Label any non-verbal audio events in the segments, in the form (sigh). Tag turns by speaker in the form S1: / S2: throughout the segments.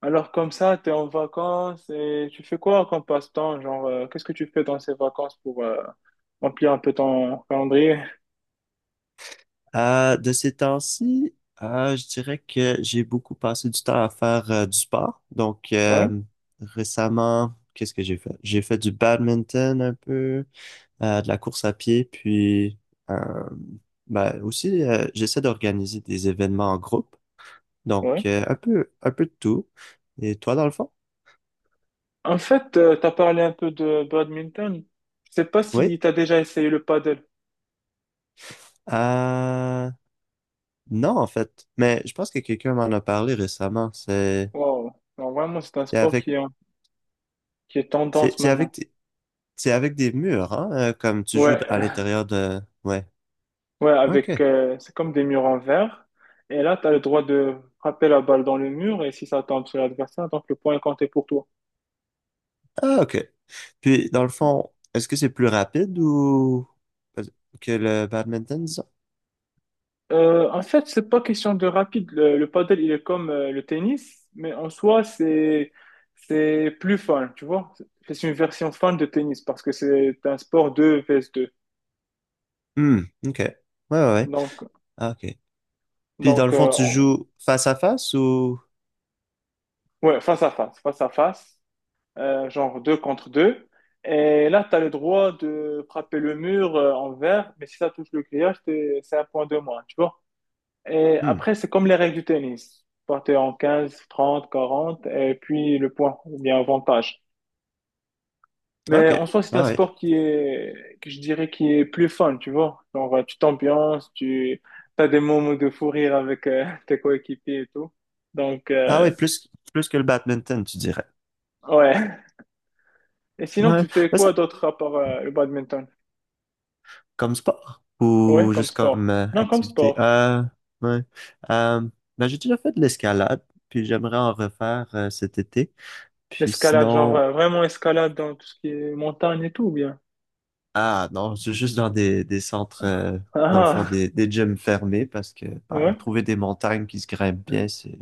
S1: Alors comme ça, tu es en vacances et tu fais quoi comme passe-temps? Genre, qu'est-ce que tu fais dans ces vacances pour remplir un peu ton calendrier?
S2: De ces temps-ci, je dirais que j'ai beaucoup passé du temps à faire du sport. Donc,
S1: Ouais,
S2: récemment, qu'est-ce que j'ai fait? J'ai fait du badminton un peu, de la course à pied, puis euh, ben, aussi, j'essaie d'organiser des événements en groupe. Donc,
S1: ouais.
S2: un peu de tout. Et toi, dans le fond?
S1: En fait, tu as parlé un peu de badminton. Je sais pas
S2: Oui?
S1: si tu as déjà essayé le paddle.
S2: Euh, non, en fait. Mais je pense que quelqu'un m'en a parlé récemment.
S1: Wow. Non, vraiment, c'est un
S2: C'est
S1: sport qui
S2: avec,
S1: est, qui est tendance
S2: c'est c'est
S1: maintenant.
S2: avec C'est avec des murs, hein, comme tu joues à
S1: Ouais,
S2: l'intérieur de. Ouais,
S1: ouais,
S2: ok.
S1: avec, c'est comme des murs en verre. Et là, tu as le droit de frapper la balle dans le mur et si ça tombe sur l'adversaire, donc le point est compté pour toi.
S2: Ah, ok. Puis, dans le fond, est-ce que c'est plus rapide ou que le badminton, disons?
S1: En fait, c'est pas question de rapide. Le padel, il est comme le tennis, mais en soi, c'est plus fun, tu vois. C'est une version fun de tennis parce que c'est un sport 2 vs 2.
S2: Hmm, ok. Ouais, ouais, ouais.
S1: Donc,
S2: Ah, ok. Puis, dans le
S1: donc
S2: fond,
S1: euh,
S2: tu
S1: on-
S2: joues face à face ou.
S1: ouais, face à face, genre 2 contre 2. Et là, tu as le droit de frapper le mur en vert, mais si ça touche le grillage, c'est un point de moins, tu vois. Et
S2: Hmm,
S1: après, c'est comme les règles du tennis. Partez en 15, 30, 40, et puis le point, il y a avantage. Mais
S2: ok.
S1: en soi, c'est
S2: Ah,
S1: un
S2: ouais.
S1: sport qui est, que je dirais, qui est plus fun, tu vois. Genre, tu t'ambiances, tu as des moments de fou rire avec (laughs) tes coéquipiers et tout. Donc,
S2: Ah, ouais, plus, plus que le badminton, tu dirais.
S1: ouais. Et sinon,
S2: Ouais,
S1: tu fais
S2: ouais,
S1: quoi
S2: ça,
S1: d'autre à part le badminton?
S2: comme sport
S1: Ouais,
S2: ou
S1: comme
S2: juste comme
S1: sport. Non, comme
S2: activité.
S1: sport.
S2: Ouais. Euh, ben, j'ai déjà fait de l'escalade, puis j'aimerais en refaire cet été. Puis
S1: L'escalade, genre,
S2: sinon,
S1: vraiment escalade dans tout ce qui est montagne et tout, ou bien.
S2: ah non, c'est juste dans des centres, dans le fond,
S1: Ah,
S2: des gyms fermés parce que
S1: ah. Ouais.
S2: bah, trouver des montagnes qui se grimpent bien, c'est,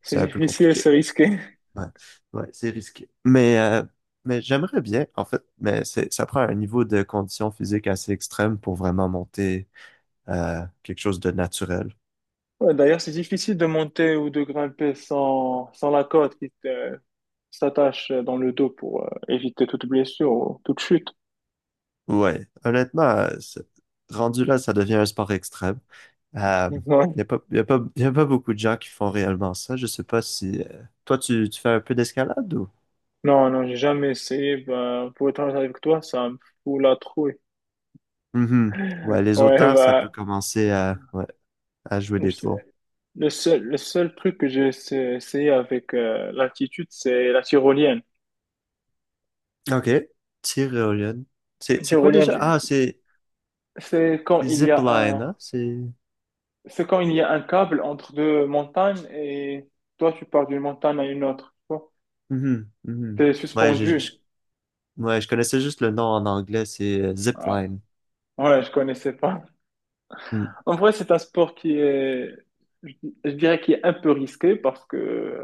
S1: C'est
S2: c'est un peu
S1: difficile, c'est
S2: compliqué.
S1: risqué.
S2: Ouais, ouais, c'est risqué. Mais j'aimerais bien, en fait, mais ça prend un niveau de condition physique assez extrême pour vraiment monter quelque chose de naturel.
S1: Ouais, d'ailleurs, c'est difficile de monter ou de grimper sans la corde qui te, s'attache dans le dos pour éviter toute blessure ou toute chute.
S2: Ouais, honnêtement, rendu là, ça devient un sport extrême. Euh,
S1: (laughs) Ouais.
S2: Il n'y a pas, beaucoup de gens qui font réellement ça. Je sais pas si, toi, tu fais un peu d'escalade ou.
S1: Non, non, j'ai jamais essayé. Bah, pour être honnête avec toi, ça me fout la trouille.
S2: Mhm. Ouais, les
S1: Ouais,
S2: auteurs, ça peut
S1: bah,
S2: commencer à, ouais, à jouer
S1: je
S2: des
S1: sais-
S2: tours.
S1: le seul truc que essayé avec l'altitude, c'est la tyrolienne.
S2: OK. Tyrolienne. C'est,
S1: Une
S2: c'est quoi
S1: Tyrolienne,
S2: déjà?
S1: je-
S2: Ah, c'est
S1: c'est quand
S2: c'est
S1: il y a
S2: zipline,
S1: un,
S2: hein? C'est.
S1: c'est quand il y a un câble entre deux montagnes et toi, tu pars d'une montagne à une autre.
S2: Mhm, mhm.
S1: Tu es
S2: Ouais,
S1: suspendu.
S2: ouais, je connaissais juste le nom en anglais, c'est
S1: Ah,
S2: zipline.
S1: Ouais, je connaissais pas.
S2: Mm.
S1: En vrai, c'est un sport qui est, je je dirais, qui est un peu risqué parce que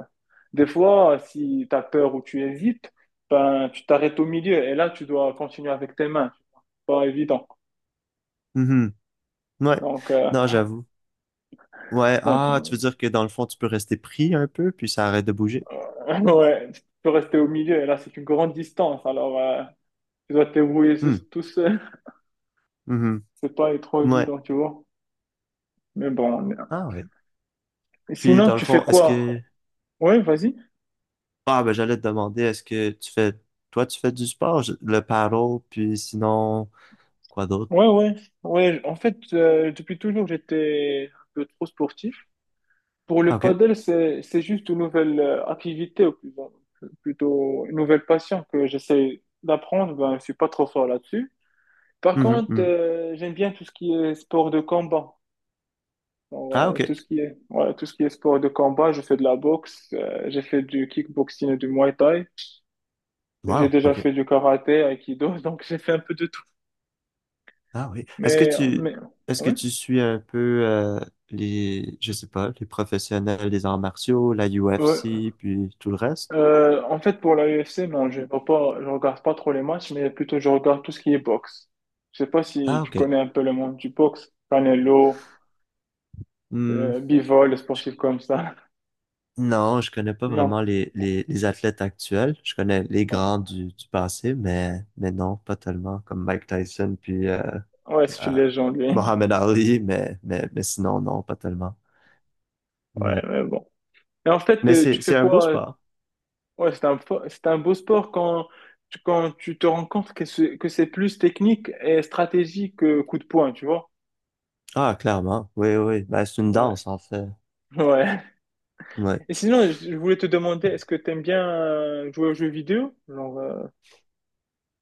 S1: des fois, si tu as peur ou tu hésites, ben, tu t'arrêtes au milieu et là, tu dois continuer avec tes mains. C'est pas évident.
S2: Mhm. Ouais.
S1: Donc, euh,
S2: Non, j'avoue. Ouais,
S1: donc
S2: ah,
S1: euh,
S2: tu veux dire que dans le fond, tu peux rester pris un peu, puis ça arrête de bouger?
S1: (laughs) ouais, tu peux rester au milieu et là, c'est une grande distance. Alors, tu dois te débrouiller
S2: Hmm.
S1: sous- tout seul.
S2: Mhm.
S1: (laughs) C'est pas trop
S2: Ouais.
S1: évident, tu vois. Mais bon,
S2: Ah ouais. Puis
S1: sinon,
S2: dans le
S1: tu fais
S2: fond, est-ce
S1: quoi?
S2: que.
S1: Ouais, vas-y.
S2: Ah, ben j'allais te demander, est-ce que tu fais. Toi, tu fais du sport, le paddle, puis sinon, quoi d'autre?
S1: Ouais, ouais, ouais. En fait, depuis toujours, j'étais un peu trop sportif. Pour
S2: Ah,
S1: le
S2: ok.
S1: paddle, c'est juste une nouvelle activité, ou plus, plutôt une nouvelle passion que j'essaie d'apprendre. Ben, je suis pas trop fort là-dessus. Par
S2: Mhm,
S1: contre,
S2: mhm.
S1: j'aime bien tout ce qui est sport de combat. Donc,
S2: Ah, ok.
S1: tout ce qui est, voilà, tout ce qui est sport de combat, je fais de la boxe, j'ai fait du kickboxing et du muay thai. J'ai
S2: Wow,
S1: déjà
S2: ok.
S1: fait du karaté, aikido, (laughs) donc j'ai fait un peu de tout.
S2: Ah oui.
S1: Mais, mais,
S2: Est-ce que
S1: ouais.
S2: tu suis un peu les. Je sais pas, les professionnels des arts martiaux, la
S1: Ouais.
S2: UFC, puis tout le reste?
S1: En fait, pour la UFC, non, je vois pas, je regarde pas trop les matchs, mais plutôt je regarde tout ce qui est boxe. Je sais pas si
S2: Ah,
S1: tu
S2: ok.
S1: connais un peu le monde du boxe, Canelo,
S2: Hmm.
S1: Bivol, les sportifs comme ça. (laughs)
S2: Non, je connais pas
S1: Non.
S2: vraiment les athlètes actuels. Je connais les grands du passé, mais non, pas tellement, comme Mike Tyson puis
S1: Ouais, c'est une
S2: euh,
S1: légende, lui.
S2: Mohamed Ali, mais sinon, non, pas tellement.
S1: Ouais,
S2: Ouais.
S1: mais bon. Et en fait,
S2: Mais
S1: tu
S2: c'est,
S1: fais
S2: c'est un beau
S1: quoi?
S2: sport.
S1: Ouais, c'est un, c'est un beau sport quand tu te rends compte que c'est plus technique et stratégique que coup de poing, tu vois?
S2: Ah, clairement. Oui, oui. Ben, c'est une
S1: Ouais.
S2: danse, en fait.
S1: (laughs) Ouais.
S2: Ouais.
S1: Et sinon, je voulais te demander, est-ce que t'aimes bien jouer aux jeux vidéo? Genre,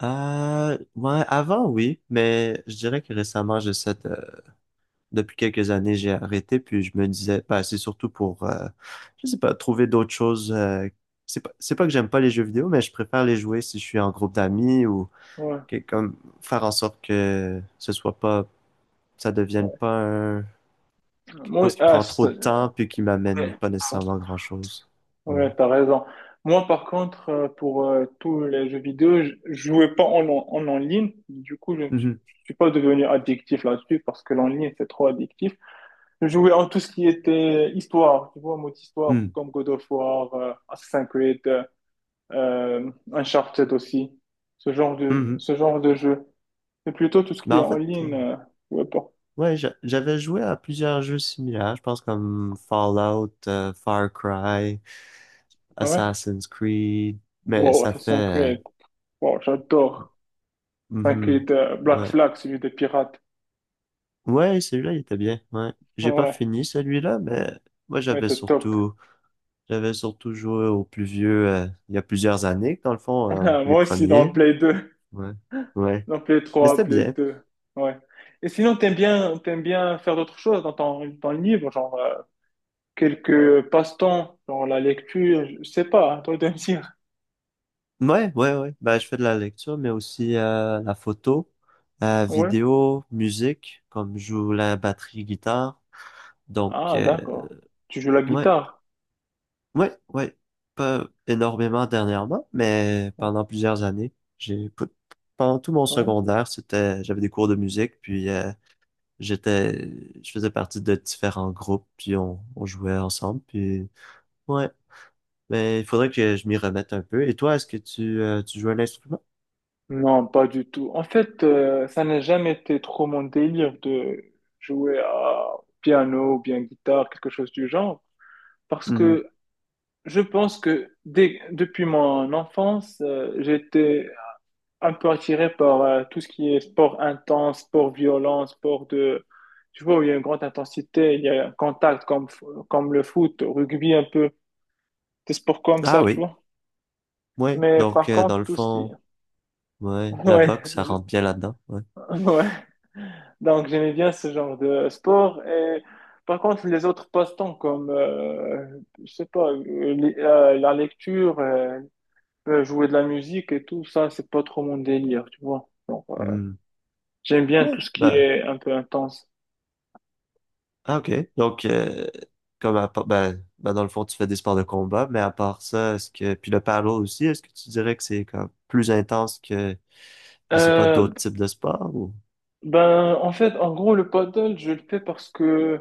S2: Ouais, avant, oui, mais je dirais que récemment, depuis quelques années, j'ai arrêté, puis je me disais, bah, c'est surtout pour, je sais pas, trouver d'autres choses. C'est pas que j'aime pas les jeux vidéo, mais je préfère les jouer si je suis en groupe d'amis ou
S1: ouais.
S2: comme faire en sorte que ce soit pas, ça devienne pas quelque
S1: Moi,
S2: chose qui
S1: ah,
S2: prend trop
S1: c'est-
S2: de temps puis qui m'amène
S1: ouais,
S2: pas nécessairement grand-chose. Ouais.
S1: ouais, t'as raison. Moi, par contre, pour tous les jeux vidéo, je jouais pas en ligne. Du coup,
S2: Mhm.
S1: je suis pas devenu addictif là-dessus parce que l'en ligne, c'est trop addictif. Je jouais en tout ce qui était histoire, tu vois, mode histoire,
S2: Mhm.
S1: comme God of War, Assassin's Creed, Uncharted aussi.
S2: Mhm.
S1: Ce genre de jeu. Mais plutôt tout ce
S2: Mais
S1: qui est
S2: en
S1: en
S2: fait,
S1: ligne, je jouais pas.
S2: ouais, j'avais joué à plusieurs jeux similaires, je pense comme Fallout, Far Cry.
S1: Ouais.
S2: Assassin's Creed. Mais
S1: Wow,
S2: ça fait.
S1: Assassin's Creed. Wow, j'adore.
S2: Mhm.
S1: T'inquiète, Black
S2: Ouais.
S1: Flag, celui des pirates.
S2: Ouais, celui-là, il était bien. Ouais. J'ai pas
S1: Ouais,
S2: fini celui-là, mais moi,
S1: ouais, t'es top.
S2: j'avais surtout joué aux plus vieux, il y a plusieurs années, dans le
S1: (laughs)
S2: fond, les
S1: Moi aussi, dans
S2: premiers, là.
S1: Play 2,
S2: Ouais. Ouais. Mais c'était
S1: Play
S2: bien.
S1: 2, Ouais. Et sinon, t'aimes bien faire d'autres choses dans ton, dans le livre, genre quelques passe-temps, genre la lecture, je sais pas, hein, toi de me dire.
S2: Ouais, ouais, ouais. Ben, je fais de la lecture, mais aussi la photo,
S1: Ouais.
S2: vidéo, musique, comme je joue la batterie guitare. Donc,
S1: Ah, d'accord. Tu joues la
S2: ouais.
S1: guitare.
S2: Ouais, ouais. Pas énormément dernièrement, mais
S1: Ouais.
S2: pendant plusieurs années, pendant tout mon
S1: Ouais.
S2: secondaire, c'était j'avais des cours de musique, puis j'étais je faisais partie de différents groupes, puis on jouait ensemble, puis ouais, mais il faudrait que je m'y remette un peu. Et toi, est-ce que tu joues un instrument?
S1: Non, pas du tout. En fait, ça n'a jamais été trop mon délire de jouer à piano ou bien guitare, quelque chose du genre, parce
S2: Mhm.
S1: que je pense que depuis mon enfance, j'étais un peu attiré par tout ce qui est sport intense, sport violent, sport de... Tu vois, où il y a une grande intensité, il y a un contact comme, comme le foot, rugby un peu, des sports comme
S2: Ah
S1: ça, tu
S2: oui,
S1: vois.
S2: ouais.
S1: Mais
S2: Donc
S1: par
S2: dans
S1: contre,
S2: le
S1: tout ce qui...
S2: fond, ouais,
S1: (laughs)
S2: la
S1: Ouais,
S2: boxe, ça
S1: je-
S2: rentre bien là-dedans, ouais.
S1: (laughs) ouais. Donc j'aimais bien ce genre de sport. Et par contre, les autres passe-temps comme, je sais pas, la lecture, jouer de la musique et tout ça, c'est pas trop mon délire, tu vois. Donc,
S2: Mhm.
S1: j'aime bien tout
S2: Ouais,
S1: ce qui
S2: bah,
S1: est un peu intense.
S2: ah, ok. Donc, comme ben, dans le fond, tu fais des sports de combat, mais à part ça, puis le paddle aussi, est-ce que tu dirais que c'est comme plus intense que, je sais pas,
S1: Euh,
S2: d'autres types de sports ou?
S1: ben, en fait, en gros, le paddle, je le fais parce que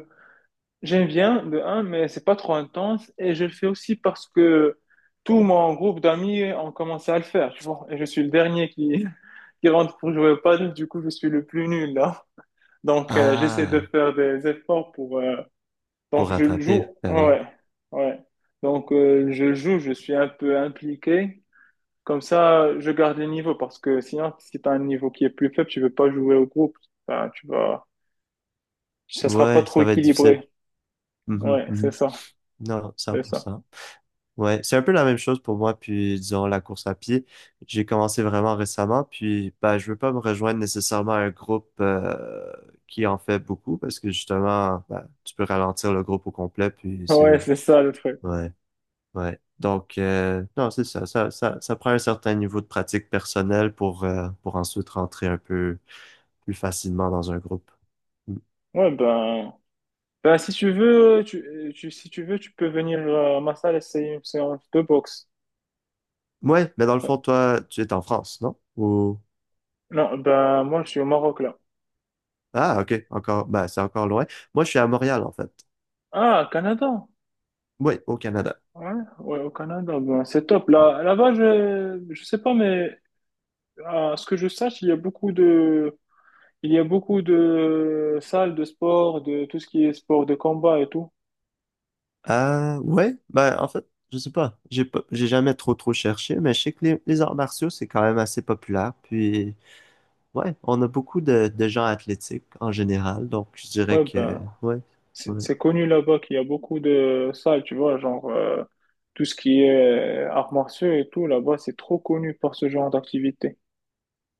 S1: j'aime bien de un, mais c'est pas trop intense et je le fais aussi parce que tout mon groupe d'amis ont commencé à le faire, tu vois. Et je suis le dernier qui, (laughs) qui rentre pour jouer au paddle, du coup je suis le plus nul là. Donc j'essaie de
S2: Ah,
S1: faire des efforts pour.
S2: pour
S1: Donc je le
S2: rattraper,
S1: joue,
S2: ben oui.
S1: ouais, ouais. Donc je joue, je suis un peu impliqué. Comme ça, je garde le niveau parce que sinon, si t'as un niveau qui est plus faible, tu ne veux pas jouer au groupe. Enfin, tu vas, ça sera pas
S2: Ouais,
S1: trop
S2: ça va être difficile.
S1: équilibré.
S2: Mhm,
S1: Ouais, c'est
S2: mhm.
S1: ça,
S2: Non,
S1: c'est ça.
S2: 100%. Ouais, c'est un peu la même chose pour moi, puis disons la course à pied. J'ai commencé vraiment récemment, puis bah, je veux pas me rejoindre nécessairement à un groupe qui en fait beaucoup, parce que justement, bah, tu peux ralentir le groupe au complet, puis
S1: Ouais,
S2: c'est.
S1: c'est ça le truc.
S2: Ouais, ouais. Donc, non, c'est ça, prend un certain niveau de pratique personnelle pour ensuite rentrer un peu plus facilement dans un groupe. Mm.
S1: Ouais, ben, ben si tu veux, si tu veux, tu peux venir à ma salle essayer une séance de boxe.
S2: Ouais, mais dans le fond, toi, tu es en France, non? Ou.
S1: Non, ben, moi, je suis au Maroc, là.
S2: Ah, ok, encore, bah, c'est encore loin. Moi, je suis à Montréal, en fait.
S1: Ah, Canada.
S2: Ouais, au Canada.
S1: Ouais, ouais, au Canada, ben, c'est top. Là, là-bas, je sais pas, mais à ce que je sache, il y a beaucoup de, il y a beaucoup de salles de sport, de tout ce qui est sport de combat et tout.
S2: Ouais, ben en fait, je sais pas. J'ai jamais trop trop cherché, mais je sais que les arts martiaux, c'est quand même assez populaire. Puis, ouais, on a beaucoup de gens athlétiques en général, donc je dirais
S1: Ouais,
S2: que,
S1: ben,
S2: ouais,
S1: C'est
S2: ouais.
S1: c'est connu là-bas qu'il y a beaucoup de salles, tu vois, genre tout ce qui est arts martiaux et tout, là-bas, c'est trop connu pour ce genre d'activité.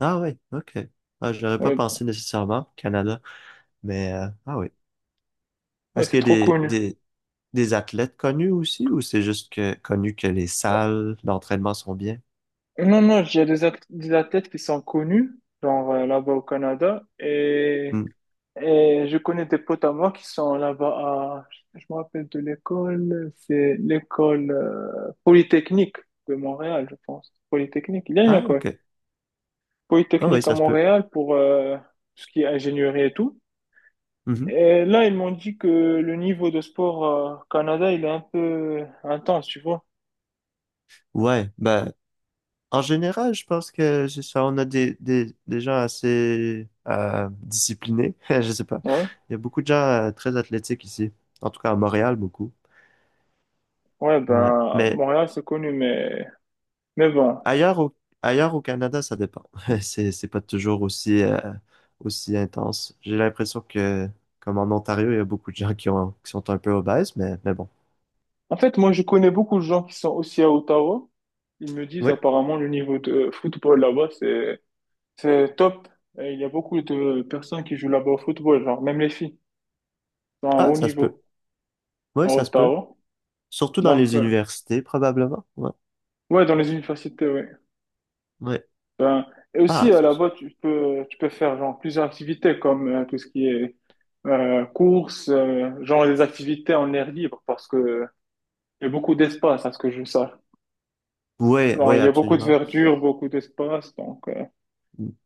S2: Ah ouais, ok. Ah, j'aurais pas
S1: Ouais,
S2: pensé nécessairement au Canada, mais ah oui.
S1: ouais,
S2: Est-ce
S1: c'est
S2: qu'il y a
S1: trop
S2: des,
S1: connu.
S2: des, des athlètes connus aussi, ou c'est juste que connu que les salles d'entraînement sont bien?
S1: Non, non, il y a des athlètes qui sont connus, genre là-bas au Canada,
S2: Hmm.
S1: et je connais des potes à moi qui sont là-bas à, je me rappelle de l'école, c'est l'école Polytechnique de Montréal, je pense. Polytechnique, il y a une
S2: Ah,
S1: école.
S2: ok. Ah oui,
S1: Polytechnique à
S2: ça se peut.
S1: Montréal pour tout ce qui est ingénierie et tout.
S2: Mhm.
S1: Et là, ils m'ont dit que le niveau de sport Canada, il est un peu intense, tu vois.
S2: Ouais, ben, en général, je pense que c'est ça. On a des gens assez disciplinés. (laughs) Je sais pas.
S1: Ouais.
S2: Il y a beaucoup de gens très athlétiques ici. En tout cas, à Montréal, beaucoup.
S1: Ouais,
S2: Ouais.
S1: ben,
S2: Mais
S1: Montréal, c'est connu, mais bon.
S2: ailleurs au, ailleurs au Canada, ça dépend. (laughs) C'est pas toujours aussi intense. J'ai l'impression que, comme en Ontario, il y a beaucoup de gens qui sont un peu obèses, mais bon.
S1: En fait, moi, je connais beaucoup de gens qui sont aussi à Ottawa. Ils me disent
S2: Ouais.
S1: apparemment le niveau de football là-bas, c'est top. Et il y a beaucoup de personnes qui jouent là-bas au football, genre même les filles, sont à un
S2: Ah,
S1: haut
S2: ça se peut.
S1: niveau
S2: Ouais,
S1: à
S2: ça se peut.
S1: Ottawa.
S2: Surtout dans
S1: Donc,
S2: les universités, probablement. Ouais.
S1: ouais, dans les universités, ouais.
S2: Ouais.
S1: Ben, et aussi,
S2: Ah, c'est ça.
S1: là-bas, tu peux faire genre, plusieurs activités comme tout ce qui est course, genre des activités en air libre parce que il y a beaucoup d'espace à ce que je sache.
S2: Oui,
S1: Genre,
S2: oui,
S1: il y a beaucoup de
S2: absolument.
S1: verdure, beaucoup d'espace. Donc,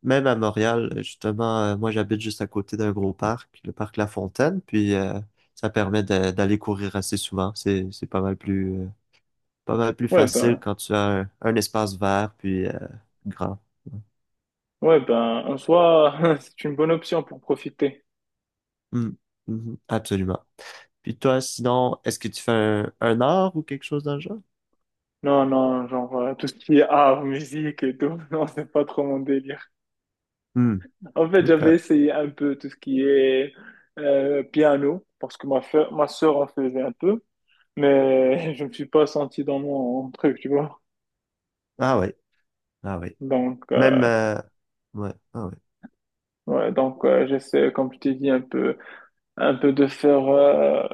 S2: Même à Montréal, justement, moi j'habite juste à côté d'un gros parc, le parc La Fontaine, puis ça permet d'aller courir assez souvent. C'est pas mal plus
S1: ouais,
S2: facile
S1: ben,
S2: quand tu as un espace vert, puis grand. Ouais.
S1: ouais, ben, en soi, (laughs) c'est une bonne option pour profiter.
S2: Mm, mhm, absolument. Puis toi, sinon, est-ce que tu fais un art ou quelque chose dans le genre?
S1: Non, non, genre, tout ce qui est art, musique et tout, (laughs) non, c'est pas trop mon délire.
S2: Hmm,
S1: En fait,
S2: OK.
S1: j'avais essayé un peu tout ce qui est piano parce que ma sœur en faisait un peu. Mais (laughs) je me suis pas senti dans mon truc, tu vois.
S2: Ah oui, ah oui.
S1: Donc,
S2: Même, euh, ouais, ah oui.
S1: ouais, donc j'essaie, comme je t'ai dit, un peu de faire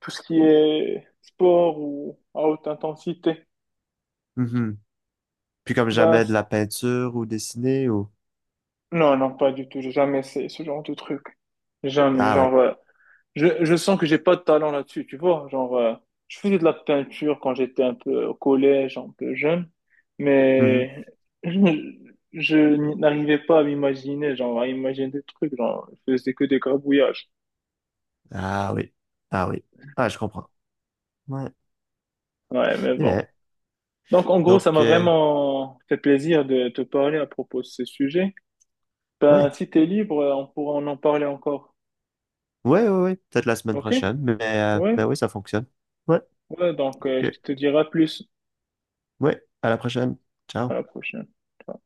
S1: tout ce qui est sport ou à haute intensité.
S2: Mhm. Puis comme
S1: Ben,
S2: jamais de
S1: c-
S2: la peinture ou dessiner ou.
S1: non, non, pas du tout. J'ai jamais essayé ce genre de truc. Jamais.
S2: Ah
S1: Genre,
S2: oui.
S1: je sens que j'ai pas de talent là-dessus, tu vois. Genre, je faisais de la peinture quand j'étais un peu au collège, un peu jeune,
S2: Mhm.
S1: mais je, je n'arrivais pas à m'imaginer, genre, à imaginer des trucs, genre, je faisais que des gribouillages.
S2: Ah oui. Ah oui. Ah, je comprends. Ouais.
S1: Ouais, mais
S2: Eh
S1: bon.
S2: bien,
S1: Donc, en gros, ça
S2: donc,
S1: m'a vraiment fait plaisir de te parler à propos de ce sujet. Ben,
S2: ouais.
S1: si t'es libre, on pourra en parler encore.
S2: Ouais, ouais, ouais. Peut-être la semaine
S1: Ok?
S2: prochaine, mais, euh,
S1: Ouais?
S2: mais oui, ça fonctionne. Ouais.
S1: Ouais, donc,
S2: OK.
S1: je te dirai plus
S2: Ouais. À la prochaine.
S1: à
S2: Ciao.
S1: la prochaine. Ciao.